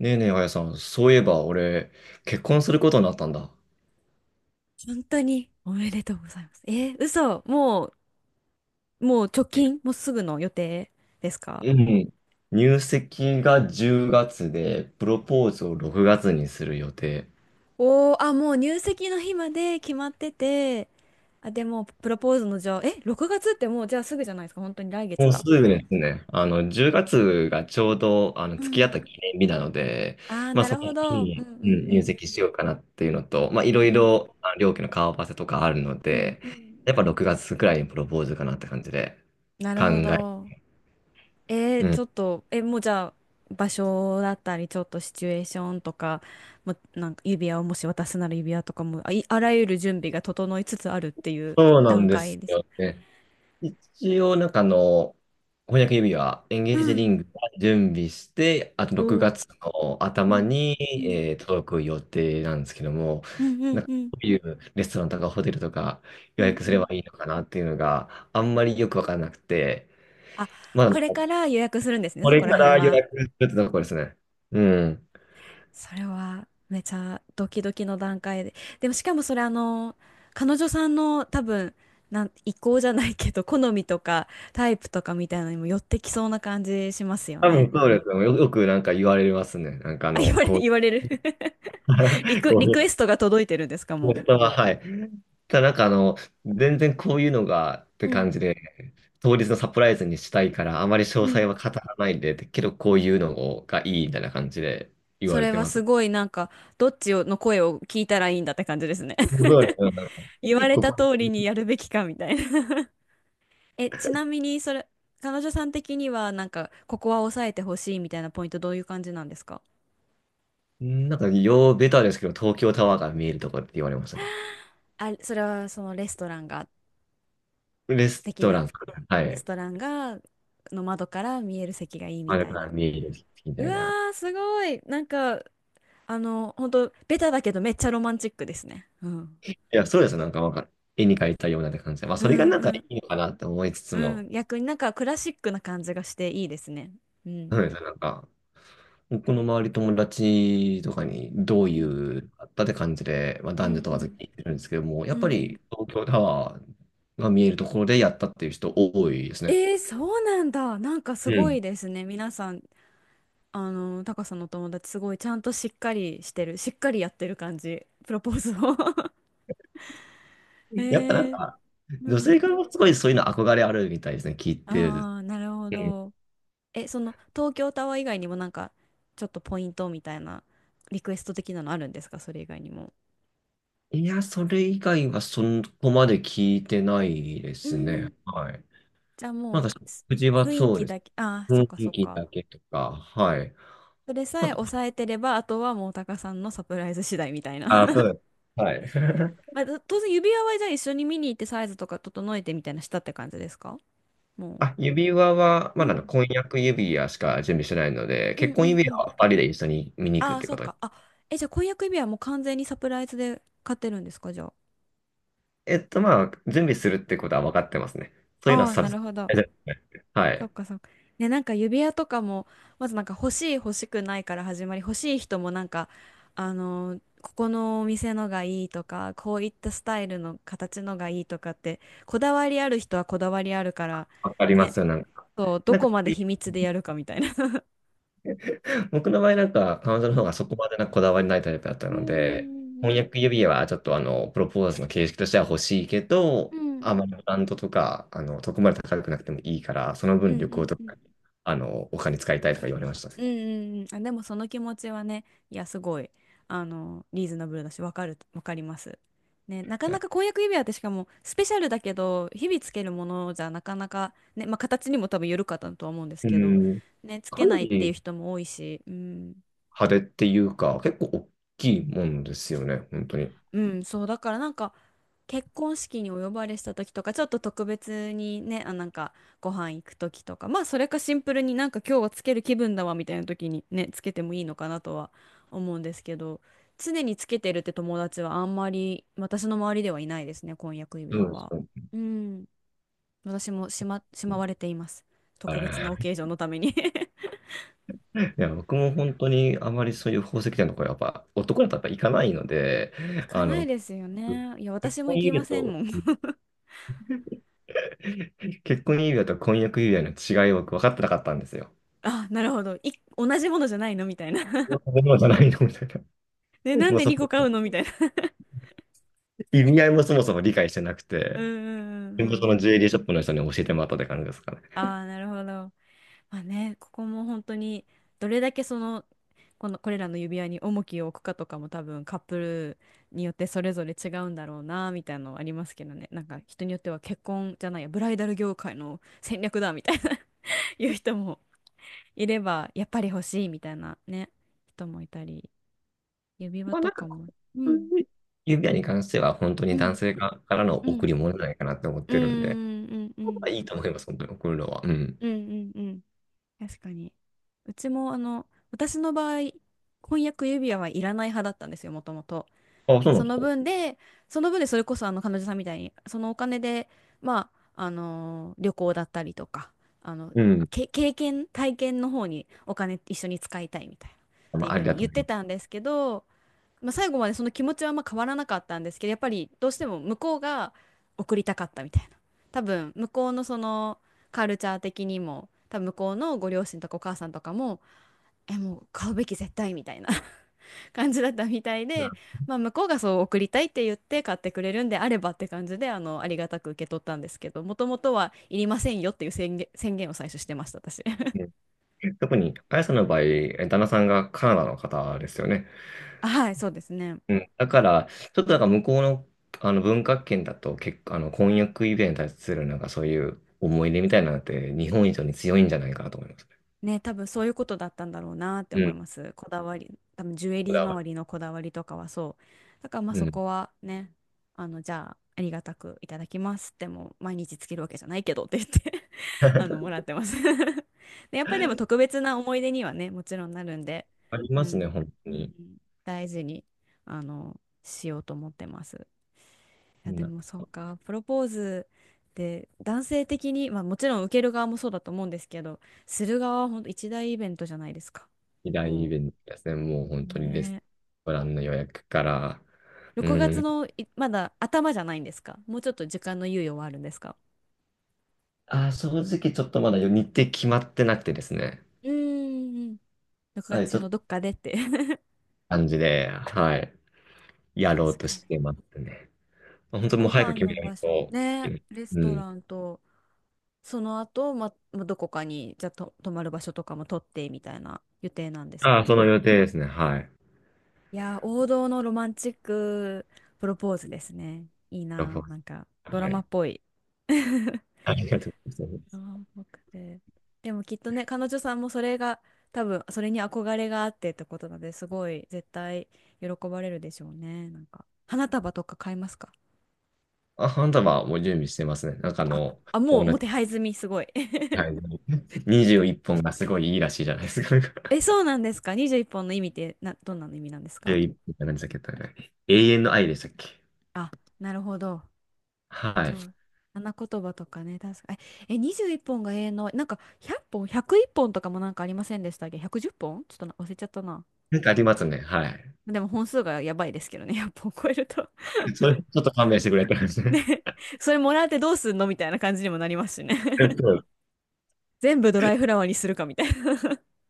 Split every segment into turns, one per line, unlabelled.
ねえねえ、あやさん、そういえば俺、結婚することになったんだ。
本当におめでとうございます。嘘、もう直
え
近、もうすぐの予定ですか？
うん。入籍が10月で、プロポーズを6月にする予定。
おー、あ、もう入籍の日まで決まってて、あ、でも、プロポーズのじゃあ、え、6月ってもうじゃあすぐじゃないですか、本当に来
も
月
うす
だ。
ぐですね。10月がつがちょうど、
う
付き合っ
ん。
た記念日なので、
あー、
まあ、
な
そ
る
の
ほ
日
ど。うん
に、う
うん
ん、
う
入
ん。
籍しようかなっていうのと、まあ、いろ
う
い
ん
ろ、両家の顔合わせとかあるの
うん
で、
う
や
ん。
っぱ6月くらいにプロポーズかなって感じで
な
考
るほ
え。
ど。え
う
ー、
ん。
ちょっと、え、もうじゃあ、場所だったり、ちょっとシチュエーションとか、もうなんか指輪をもし渡すなら指輪とかも、あらゆる準備が整いつつあるっていう
そうなん
段
で
階
す
です。
よね。一応、なんか翻訳指輪、エンゲー
う
ジリ
ん
ングは準備して、あと
お
6
お。
月の
う
頭
ん
に、
うん
届く予定なんですけども、
うんう
な
ん
んか
う
ど
ん
ういうレストランとかホテルとか
う
予
んう
約すれば
ん。
いいのかなっていうのがあんまりよくわからなくて、
あ、
まだな
これ
んか
から予約するんですね、
こ
そ
れ
こら
か
辺
ら予
は。
約するってとこですね。うん。
それはめちゃドキドキの段階で。でもしかもそれあの、彼女さんの多分、意向じゃないけど、好みとかタイプとかみたいなのにも寄ってきそうな感じしますよ
多
ね。
分そうですよ。よくなんか言われますね。なんかこう、
言われる。
こ
リ
うい
クエストが届いてるんですか、
う
も
は、はい。ただなんか全然こういうのがって
う。うん、
感じで、当日のサプライズにしたいから、あまり詳
う
細
ん。
は語らないで、けどこういうのがいいみたいな感じで言
そ
われ
れ
て
は
ま
す
す。
ごいなんか、どっちの声を聞いたらいいんだって感じですね。
そうですねなんか
言われた
こ
通りにやるべきかみたいな。え、ちなみに、それ、彼女さん的には、なんか、ここは抑えてほしいみたいなポイント、どういう感じなんですか？
なんか、ようベタですけど、東京タワーが見えるとこって言われましたね。
あ、それは、そのレストランが、
レス
的
ト
な、
ラン、は
レス
い。
トランが、の窓から見える席がいい
あ
み
れ
た
か
い
ら
な。
見えるみ
う
たい
わ
な。
ー、すごい。なんか、あの、本当ベタだけど、めっちゃロマンチックですね。うん。
いや、そうです。なんか、絵に描いたようなって感じで。まあ、
う
それが
ん
なんか
う
い
ん
いのかなって思いつつ
う
も、
ん。逆になんか、クラシックな感じがしていいですね。うん。
そうです。なんか、僕の周り友達とかにどう
う
い
ん
うあったって感じで、まあ、
う
男女
ん
問
う
わず
ん
聞いてるんですけども、や
う
っぱ
んうん。
り東京タワーが見えるところでやったっていう人多いですね。
えー、そうなんだ。なんか
う
すごい
ん。
ですね。皆さんあの、タカさんのお友達すごいちゃんとしっかりしてる、しっかりやってる感じ、プロポーズを。 え
やっぱなん
ー、
か、
う
女
ん。
性からもすごいそういうの憧れあるみたいですね、聞いてる。
ああ、なるほ
うん。
ど。え、その東京タワー以外にもなんかちょっとポイントみたいなリクエスト的なのあるんですか、それ以外にも。
いや、それ以外はそこまで聞いてないで
うー
す
ん。
ね。はい。
じゃあ
なん
も
か
うす
食事は
雰囲
そう
気
です。
だけ、ああ、そっ
雰
かそ
囲
っ
気
か。
だけとか、はい。
それさ
あ
え
と、
抑えてれば、あとはもうタカさんのサプライズ次第みたいな。
あ、そ うです。はい。
まあ、当然指輪はじゃあ一緒に見に行ってサイズとか整えてみたいなしたって感じですか？も
あ、指輪は、
う。
ま
う
だ
ん
婚約指輪しか準備してないので、
うん
結
う
婚
ん
指
う
輪
ん。
はパリで一緒に見に行く
あ
っ
あ、
て
そ
こ
う
とに。
か。あ、え、じゃあ婚約指輪も完全にサプライズで買ってるんですか、じゃあ。
まあ、準備するってことは分かってますね。そういうのは
ああ、
サブ
な
ス
る
ク
ほど。
は
そっ
い。
かそっか。ね、なんか指輪とかも、まずなんか欲しい欲しくないから始まり、欲しい人もなんか、あのーここのお店のがいいとか、こういったスタイルの形のがいいとかって、こだわりある人はこだわりあるから、
分かりま
ね、
すよ、なんか。
そう、ど
なんか、
こまで秘密でやるかみたいな。
僕の場合なんか、彼女
う
の方が
ん。
そこまでなんかこだわりないタイプだった
う
の
んう
で、婚約
ん
指輪はちょっとプロポーズの形式としては欲しいけ
う
ど、
んう
あ
ん。
まりブランドとか、そこまで高くなくてもいいから、その
う
分
んう
旅
ん
行と
うんうん。
か、お金使いたいとか言われました
うんうんうん、あ、でもその気持ちはね、いや、すごい、あの、リーズナブルだし、わかります。ね、なかな
ね。
か婚約指輪ってしかも、スペシャルだけど、日々つけるものじゃなかなか、ね、まあ、形にも多分よるかったとは思うんです
う
けど、
ん。
ね、つけ
かな
ないっていう
り
人も多いし、うん、
派手っていうか、結構大きいもんですよね、本当に。
うん、そう、だからなんか、結婚式にお呼ばれした時とかちょっと特別にねあなんかご飯行く時とかまあそれかシンプルになんか今日はつける気分だわみたいな時にねつけてもいいのかなとは思うんですけど、常につけてるって友達はあんまり私の周りではいないですね、婚約指
そ
輪
うです
は。
ね。
うん、私もし
う
ま
ん。
われています、
あ
特別なオ
れ
ケージョンのために。
いや、僕も本当にあまりそういう宝石店のとこやっぱ男だとやっぱ行かないので、
行
あ
かない
の、
ですよね、いや
結
私も
婚
行き
指
ま
輪
せん
と、
もん。
結婚指輪と婚約指輪の違いを僕分かってなかったんですよ。
あ、なるほど、い、同じものじゃないのみたいな。
こういうものじゃないのみたいな。
でなん
もう
で
そ
2個
こ、
買うのみたいな。
意味合いもそもそも理解してなく
うん
て、
うんうん
でも
う
そ
ん。
のジュエリーショップの人に教えてもらったって感じですかね。
ああ、なるほど。まあね、ここも本当に、どれだけその、この、これらの指輪に重きを置くかとかも多分カップルによってそれぞれ違うんだろうな、みたいなのはありますけどね。なんか人によっては結婚じゃないや、ブライダル業界の戦略だ、みたいな。 いう人もいれば、やっぱり欲しい、みたいなね、人もいたり、指輪
まあ
と
なん
か
か、
も。うん、
指輪に関しては本当に
う
男
ん、
性側からの
う
贈
ん。
り物じゃないかなって思っ
うん、う
てるんで、
ん、うん、う
ま
ん、
あ、いいと思います、本当に贈るのは。うん。
うん、うん。確かに。うちもあの私の場合、婚約指輪はいらない派だったんですよ、もともと。
あ、そうなん
そ
です
の
か。
分でその分でそれこそあの彼女さんみたいにそのお金で、まあ、あのー旅行だったりとか、あの
うん。
経験体験の方にお金一緒に使いたいみたいなっ
ま
てい
あ、
う
あ
ふう
りだ
に
と
言っ
思い
て
ま
た
す。
んですけど、まあ、最後までその気持ちはあんま変わらなかったんですけどやっぱりどうしても向こうが送りたかったみたいな、多分向こうのそのカルチャー的にも多分向こうのご両親とかお母さんとかも、えもう買うべき絶対みたいな 感じだったみたいで、
う
まあ、向こうがそう送りたいって言って買ってくれるんであればって感じであのありがたく受け取ったんですけど、もともとはいりませんよっていう宣言、宣言を最初してました私。
ん。 うん。特に、あやさんの場合、旦那さんがカナダの方ですよね。
あはいそうですね。
うん。だから、ちょっとなんか向こうの、あの文化圏だと結構、あの婚約指輪に対するなんかそういう思い入れみたいなのって日本以上に強いんじゃないかなと思います。
ね、多分そういうことだったんだろうなって
う
思い
ん。
ます。こだわり、多分ジュエ
こ
リー
だわ
周りのこだわりとかはそう。だからまあ
り。う
そ
ん。
こはね、あの、じゃあありがたくいただきますってもう毎日つけるわけじゃないけどって言って あの、も らってます。 で、やっぱりでも特別な思い出にはね、もちろんなるんで、
あり
う
ますね、
ん、
本当
うん、
に。
大事に、あの、しようと思ってます。
う
やで
ん。
もそうかプロポーズで男性的に、まあ、もちろん受ける側もそうだと思うんですけど、する側は本当一大イベントじゃないですか。
二大イ
もう
ベントですね。もう本当にレ
ね
ス
え
トランの予約から、う
6月
ん。
のいまだ頭じゃないんですか？もうちょっと時間の猶予はあるんですか？
正直ちょっとまだ日程決まってなくてですね。
うーん。6
はい、
月
ち
中
ょっと
のどっかでって。
感じで、はい、やろう
確
と
か
し
に。
てますね。本
じゃあ
当
ご
もう早く
飯
決め
の
な
場
い
所
といけ
ね、
ない。
レス
う
ト
ん。
ランとその後、まどこかにじゃあと泊まる場所とかも取ってみたいな予定なんです
あ
か
あ、そ
ね。
の予定ですね。はい。
いやー、王道のロマンチックプロポーズですね。いい
ラフォ
な
ー
ー、なんかド
ス
ラ
は
マ
い。
っぽい。あ、
ありがとうございます。
ラ、で、でもきっとね、彼女さんもそれが、多分それに憧れがあってってことなので、すごい絶対喜ばれるでしょうね。なんか、花束とか買いますか？
あ、花束はもう準備してますね。なんか
あ、あ、も
友
う、もう
達、
手配済み、すごい。
はい、21本がすごいいいらしいじゃないですか。
え、そうなんですか？ 21 本の意味ってな、どんなの意味なんですか？
11本っぽんって何でしたっけ？永遠の愛でしたっけ？
あ、なるほど。
は
そ
い。
う。花言葉とかね、確かに。え、21本が永遠の、なんか100本、101本とかもなんかありませんでしたっけ？ 110 本ちょっとな忘れちゃったな。
なんかありますね。はい。
でも本数がやばいですけどね、10本超えると。
それ、ちょっと勘弁してくれって話 ね。
ね、それもらってどうすんのみたいな感じにもなりますしね。
え っと
全部ドライフラワーにするかみたいな。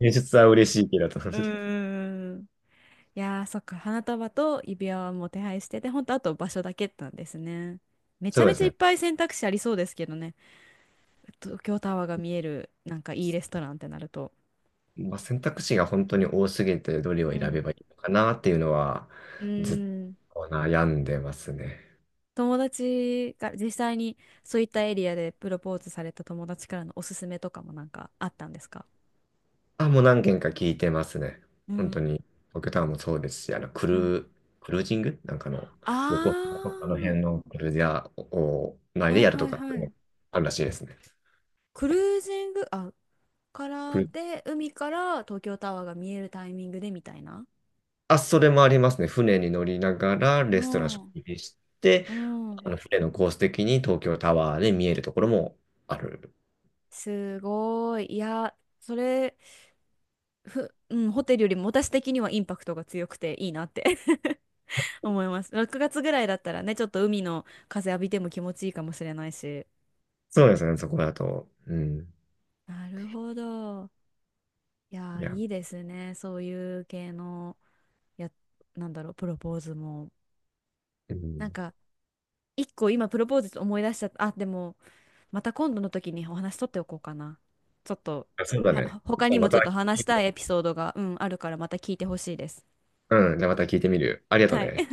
演出は嬉しいけどって
う
話で。
ーん。いやー、そっか、花束と指輪はもう手配してて、ほんとあと場所だけなんですね。めち
そ
ゃ
うで
めち
す
ゃいっ
ね。
ぱい選択肢ありそうですけどね。東京タワーが見える、なんかいいレストランってなると。
まあ、選択肢が本当に多すぎて、どれ
う
を選
ん。
べばいいのかなっていうのは、
うー
ずっ
ん。
と悩んでますね。
友達が実際にそういったエリアでプロポーズされた友達からのおすすめとかもなんかあったんですか？
あ、もう何件か聞いてますね。
う
本当
ん。
に、僕タワーもそうですし、
うん。
クルージングなんかの、横
あ
浜とかの辺のクルーザーを前
あ、
で
はい
やる
は
と
い
か、
はい。
あるらしいですね。
クルージング、あ、か
ク
ら
ル
で、海から東京タワーが見えるタイミングでみたいな。
あ、それもありますね。船に乗りながら、
う
レストラン食
ん、
事して、
うん。
船のコース的に東京タワーで見えるところもある。
すごい。いや、それ、ふ、うん、ホテルよりも私的にはインパクトが強くていいなって 思います。6月ぐらいだったらね、ちょっと海の風浴びても気持ちいいかもしれないし。
そうですね、そこだと。うん。
なるほど。いや
い
ー、
や、
いいですね。そういう系の、や、なんだろう、プロポーズも。
う
なん
ん。
か、一個今プロポーズ思い出しちゃった。あ、でも、また今度の時にお話取っておこうかな。ちょっと、
そうだ
は、
ね。じ
他
ゃ
に
あま
もち
た
ょっと話
聞
し
い
たい
て、
エピソードが、うん、あるからまた聞いてほしいです。
うん、じゃあまた聞いてみる。ありがとう
はい
ね。